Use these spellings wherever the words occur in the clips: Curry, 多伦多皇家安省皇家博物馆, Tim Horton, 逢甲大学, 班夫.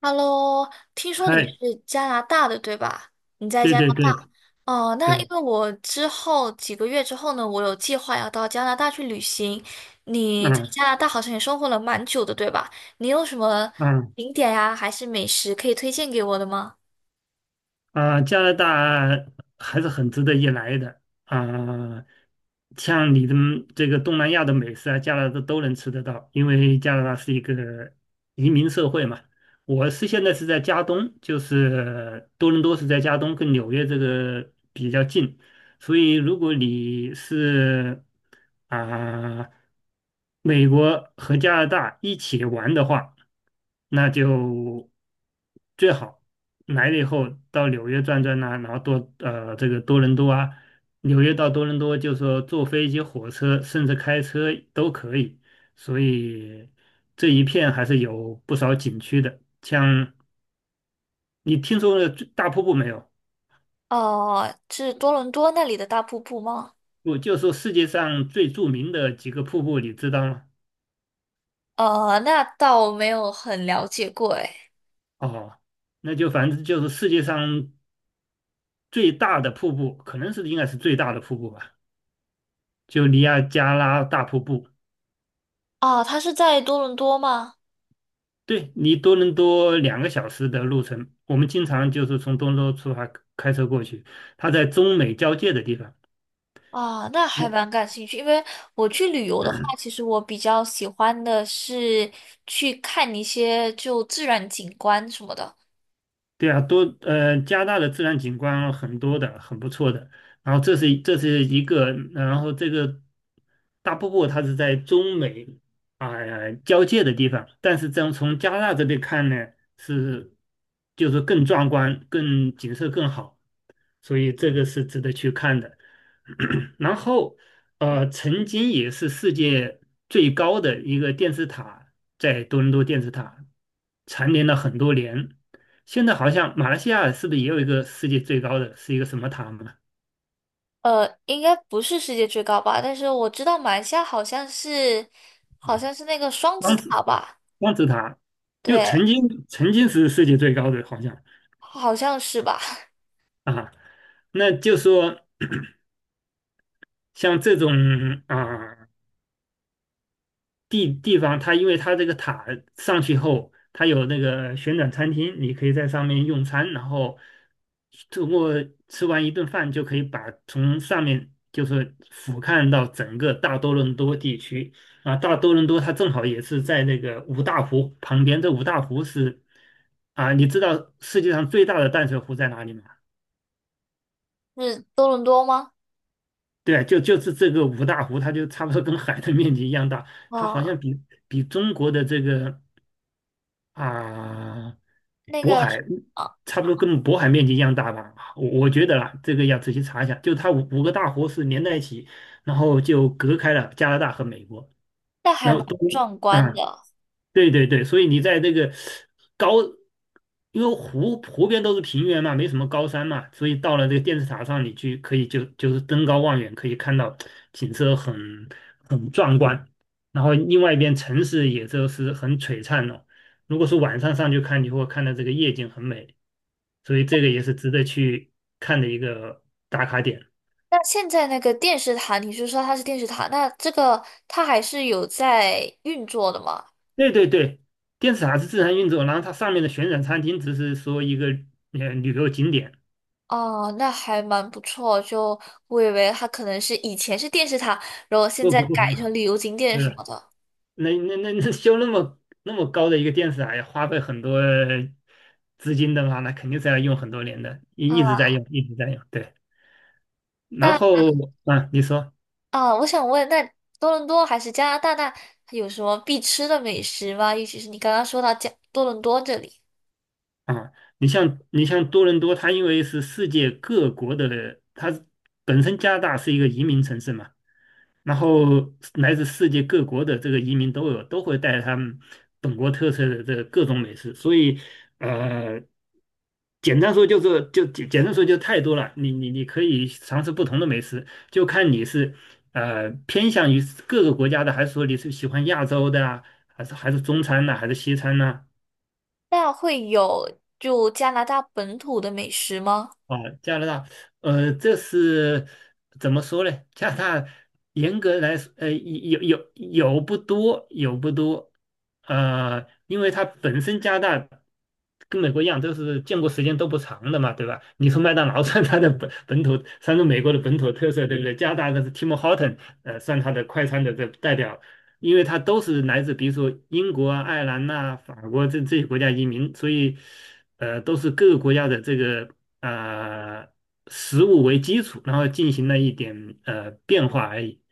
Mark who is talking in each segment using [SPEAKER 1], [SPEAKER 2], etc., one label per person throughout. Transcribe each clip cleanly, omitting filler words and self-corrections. [SPEAKER 1] Hello，听说你
[SPEAKER 2] 嗨，
[SPEAKER 1] 是加拿大的，对吧？你在
[SPEAKER 2] 对
[SPEAKER 1] 加拿
[SPEAKER 2] 对对
[SPEAKER 1] 大哦，那因
[SPEAKER 2] 对。
[SPEAKER 1] 为我之后几个月之后呢，我有计划要到加拿大去旅行。你在
[SPEAKER 2] 嗯
[SPEAKER 1] 加拿大好像也生活了蛮久的，对吧？你有什么
[SPEAKER 2] 嗯。
[SPEAKER 1] 景点呀，还是美食可以推荐给我的吗？
[SPEAKER 2] 啊，加拿大还是很值得一来的。啊，像你的这个东南亚的美食啊，加拿大都能吃得到，因为加拿大是一个移民社会嘛。现在是在加东，就是多伦多是在加东，跟纽约这个比较近，所以如果你是啊、美国和加拿大一起玩的话，那就最好来了以后到纽约转转呐、然后这个多伦多啊。纽约到多伦多，就是说坐飞机、火车，甚至开车都可以。所以这一片还是有不少景区的。像你听说了最大瀑布没有？
[SPEAKER 1] 哦，是多伦多那里的大瀑布吗？
[SPEAKER 2] 我就说世界上最著名的几个瀑布，你知道吗？
[SPEAKER 1] 哦，那倒没有很了解过，诶。
[SPEAKER 2] 哦，那就反正就是世界上最大的瀑布，可能是应该是最大的瀑布吧，就尼亚加拉大瀑布。
[SPEAKER 1] 哦，它是在多伦多吗？
[SPEAKER 2] 对，你多伦多两个小时的路程，我们经常就是从多伦多出发开车过去，它在中美交界的地方。
[SPEAKER 1] 啊，那还
[SPEAKER 2] 那
[SPEAKER 1] 蛮感兴趣，因为我去旅游的话，其实我比较喜欢的是去看一些就自然景观什么的。
[SPEAKER 2] 对啊，加拿大的自然景观很多的，很不错的。然后这是一个，然后这个大瀑布它是在中美交界的地方，但是这样从加拿大这边看呢，是就是更壮观，景色更好。所以这个是值得去看的。然后，曾经也是世界最高的一个电视塔，在多伦多电视塔蝉联了很多年。现在好像马来西亚是不是也有一个世界最高的，是一个什么塔嘛？
[SPEAKER 1] 应该不是世界最高吧，但是我知道马来西亚好像是，好像是那个双子
[SPEAKER 2] 双子
[SPEAKER 1] 塔吧？
[SPEAKER 2] 双子塔，就
[SPEAKER 1] 对，
[SPEAKER 2] 曾经是世界最高的，好像
[SPEAKER 1] 好像是吧？
[SPEAKER 2] 啊。那就说像这种啊。地方，它因为它这个塔上去后，它有那个旋转餐厅，你可以在上面用餐，然后通过吃完一顿饭就可以把从上面就是俯瞰到整个大多伦多地区啊。大多伦多它正好也是在那个五大湖旁边，这五大湖是啊，你知道世界上最大的淡水湖在哪里吗？
[SPEAKER 1] 是多伦多吗？
[SPEAKER 2] 对，就是这个五大湖，它就差不多跟海的面积一样大，它好
[SPEAKER 1] 啊，
[SPEAKER 2] 像比中国的这个。啊，
[SPEAKER 1] 那
[SPEAKER 2] 渤
[SPEAKER 1] 个
[SPEAKER 2] 海
[SPEAKER 1] 啊，
[SPEAKER 2] 差不多跟渤海面积一样大吧，我觉得啦，这个要仔细查一下。就它五个大湖是连在一起，然后就隔开了加拿大和美国，
[SPEAKER 1] 那还
[SPEAKER 2] 然后
[SPEAKER 1] 蛮壮观
[SPEAKER 2] 嗯，
[SPEAKER 1] 的。
[SPEAKER 2] 对对对，所以你在这个高，因为湖边都是平原嘛，没什么高山嘛，所以到了这个电视塔上，你去可以就是登高望远，可以看到景色很壮观。然后另外一边城市也就是很璀璨哦。如果是晚上上去看，你会看到这个夜景很美，所以这个也是值得去看的一个打卡点。
[SPEAKER 1] 那现在那个电视塔，你是说它是电视塔？那这个它还是有在运作的吗？
[SPEAKER 2] 对对对，电视塔是自然运作，然后它上面的旋转餐厅只是说一个旅游景点，
[SPEAKER 1] 哦，那还蛮不错。就我以为它可能是以前是电视塔，然后现
[SPEAKER 2] 不
[SPEAKER 1] 在
[SPEAKER 2] 不不。
[SPEAKER 1] 改成旅游景点什
[SPEAKER 2] 是，
[SPEAKER 1] 么的
[SPEAKER 2] 那修那么高的一个电视塔要花费很多资金的话，那肯定是要用很多年的，一直在
[SPEAKER 1] 啊。
[SPEAKER 2] 用，一直在用。对，然
[SPEAKER 1] 那
[SPEAKER 2] 后啊，你说
[SPEAKER 1] 啊，我想问，那多伦多还是加拿大，那有什么必吃的美食吗？尤其是你刚刚说到加多伦多这里，
[SPEAKER 2] 啊，你像多伦多，它因为是世界各国的，它本身加拿大是一个移民城市嘛，然后来自世界各国的这个移民都有，都会带着他们本国特色的这个各种美食，所以呃，简单说就太多了，你可以尝试不同的美食，就看你是偏向于各个国家的，还是说你是喜欢亚洲的啊，还是中餐呢、还是西餐呢、
[SPEAKER 1] 那会有就加拿大本土的美食吗？
[SPEAKER 2] 啊，加拿大，这是怎么说呢？加拿大严格来说，有不多，有不多，因为它本身加拿大跟美国一样，都是建国时间都不长的嘛，对吧？你说麦当劳 算它的本土，算是美国的本土特色，对不对？加拿大的是 Tim Horton，算它的快餐的这代表因为他都是来自比如说英国啊、爱尔兰呐、法国这些国家移民，所以都是各个国家的这个呃食物为基础，然后进行了一点变化而已。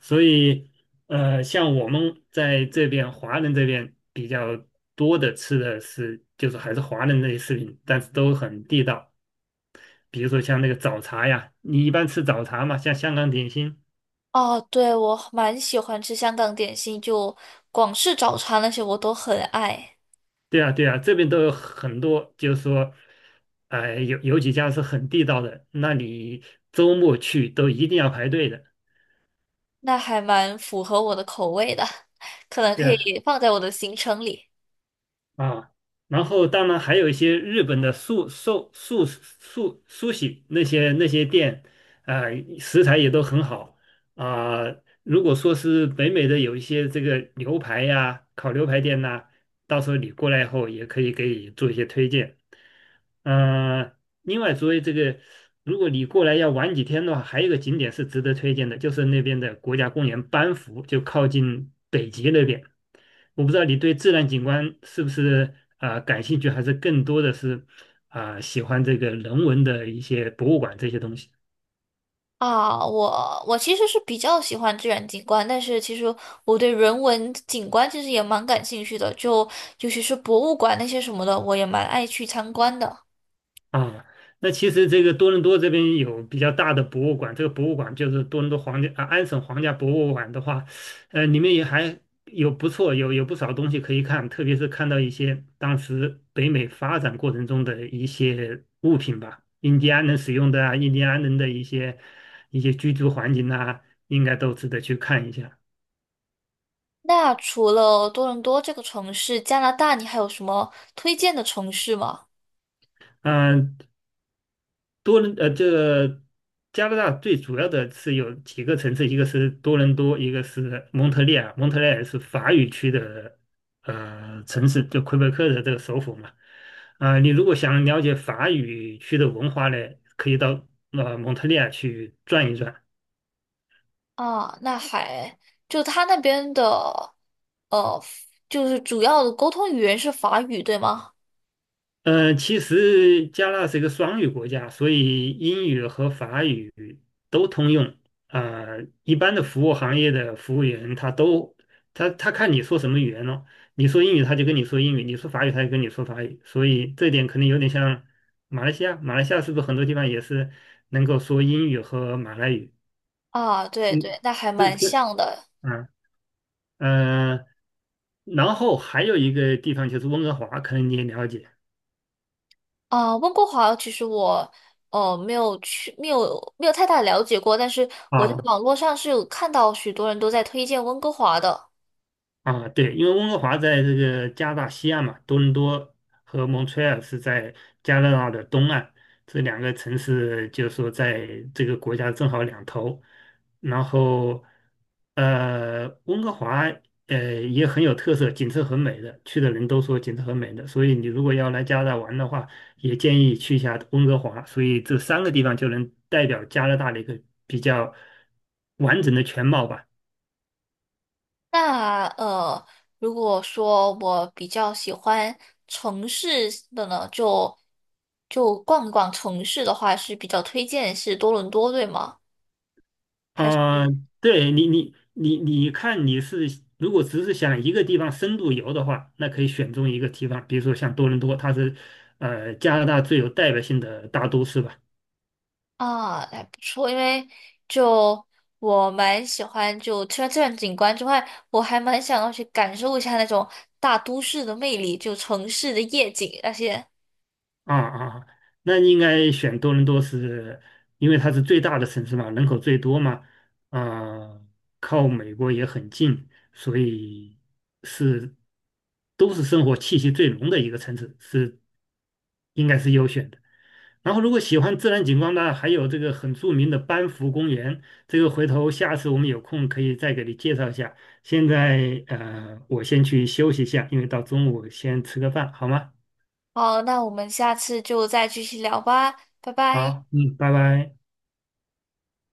[SPEAKER 2] 所以像我们在这边华人这边比较多的吃的是就是还是华人那些食品，但是都很地道。比如说像那个早茶呀，你一般吃早茶嘛，像香港点心。
[SPEAKER 1] 哦，对，我蛮喜欢吃香港点心，就广式早餐那些我都很爱，
[SPEAKER 2] 对啊，对啊，这边都有很多，就是说，哎、有几家是很地道的，那你周末去都一定要排队的，
[SPEAKER 1] 那还蛮符合我的口味的，可能
[SPEAKER 2] 对
[SPEAKER 1] 可
[SPEAKER 2] 啊
[SPEAKER 1] 以放在我的行程里。
[SPEAKER 2] 啊，然后当然还有一些日本的素寿素素苏喜那些店，啊、食材也都很好啊、如果说是北美的有一些这个牛排呀、烤牛排店呐、到时候你过来以后也可以给你做一些推荐。嗯、另外作为这个，如果你过来要玩几天的话，还有一个景点是值得推荐的，就是那边的国家公园班夫，就靠近北极那边。我不知道你对自然景观是不是啊、感兴趣，还是更多的是啊、喜欢这个人文的一些博物馆这些东西。
[SPEAKER 1] 啊，我其实是比较喜欢自然景观，但是其实我对人文景观其实也蛮感兴趣的，就尤其是博物馆那些什么的，我也蛮爱去参观的。
[SPEAKER 2] 啊，那其实这个多伦多这边有比较大的博物馆，这个博物馆就是多伦多皇家啊安省皇家博物馆的话，里面也还有不错，有不少东西可以看，特别是看到一些当时北美发展过程中的一些物品吧，印第安人使用的啊，印第安人的一些居住环境啊，应该都值得去看一下。
[SPEAKER 1] 那除了多伦多这个城市，加拿大你还有什么推荐的城市吗？
[SPEAKER 2] 嗯、这个加拿大最主要的是有几个城市，一个是多伦多，一个是蒙特利尔。蒙特利尔是法语区的城市，就魁北克的这个首府嘛。啊、你如果想了解法语区的文化呢，可以到蒙特利尔去转一转。
[SPEAKER 1] 啊，那还就他那边的，呃，就是主要的沟通语言是法语，对吗？
[SPEAKER 2] 嗯，其实加纳是一个双语国家，所以英语和法语都通用。啊、一般的服务行业的服务员，他都他他看你说什么语言咯，你说英语他就跟你说英语，你说法语他就跟你说法语，所以这点可能有点像马来西亚。马来西亚是不是很多地方也是能够说英语和马来语？
[SPEAKER 1] 啊，对对，
[SPEAKER 2] 是
[SPEAKER 1] 那还
[SPEAKER 2] 是
[SPEAKER 1] 蛮
[SPEAKER 2] 是，
[SPEAKER 1] 像的。
[SPEAKER 2] 啊，嗯。然后还有一个地方就是温哥华，可能你也了解。
[SPEAKER 1] 啊，温哥华其实我没有去，没有太大了解过，但是我在
[SPEAKER 2] 啊。
[SPEAKER 1] 网络上是有看到许多人都在推荐温哥华的。
[SPEAKER 2] 啊，对，因为温哥华在这个加拿大西岸嘛，多伦多和蒙特利尔是在加拿大的东岸，这两个城市就是说在这个国家正好两头。然后，温哥华也很有特色，景色很美的，去的人都说景色很美的，所以你如果要来加拿大玩的话，也建议去一下温哥华。所以这三个地方就能代表加拿大的一个比较完整的全貌吧。
[SPEAKER 1] 那如果说我比较喜欢城市的呢，就逛一逛城市的话，是比较推荐是多伦多，对吗？
[SPEAKER 2] 啊、对你，你看，你是如果只是想一个地方深度游的话，那可以选中一个地方，比如说像多伦多，它是加拿大最有代表性的大都市吧。
[SPEAKER 1] 啊，还不错，因为就我蛮喜欢，就除了自然景观之外，我还蛮想要去感受一下那种大都市的魅力，就城市的夜景那些。
[SPEAKER 2] 啊啊，那应该选多伦多是，因为它是最大的城市嘛，人口最多嘛，啊，靠美国也很近，所以是都是生活气息最浓的一个城市，是应该是优选的。然后，如果喜欢自然景观呢，还有这个很著名的班夫公园，这个回头下次我们有空可以再给你介绍一下。现在我先去休息一下，因为到中午先吃个饭，好吗？
[SPEAKER 1] 好，那我们下次就再继续聊吧，拜拜。
[SPEAKER 2] 好，嗯，拜拜。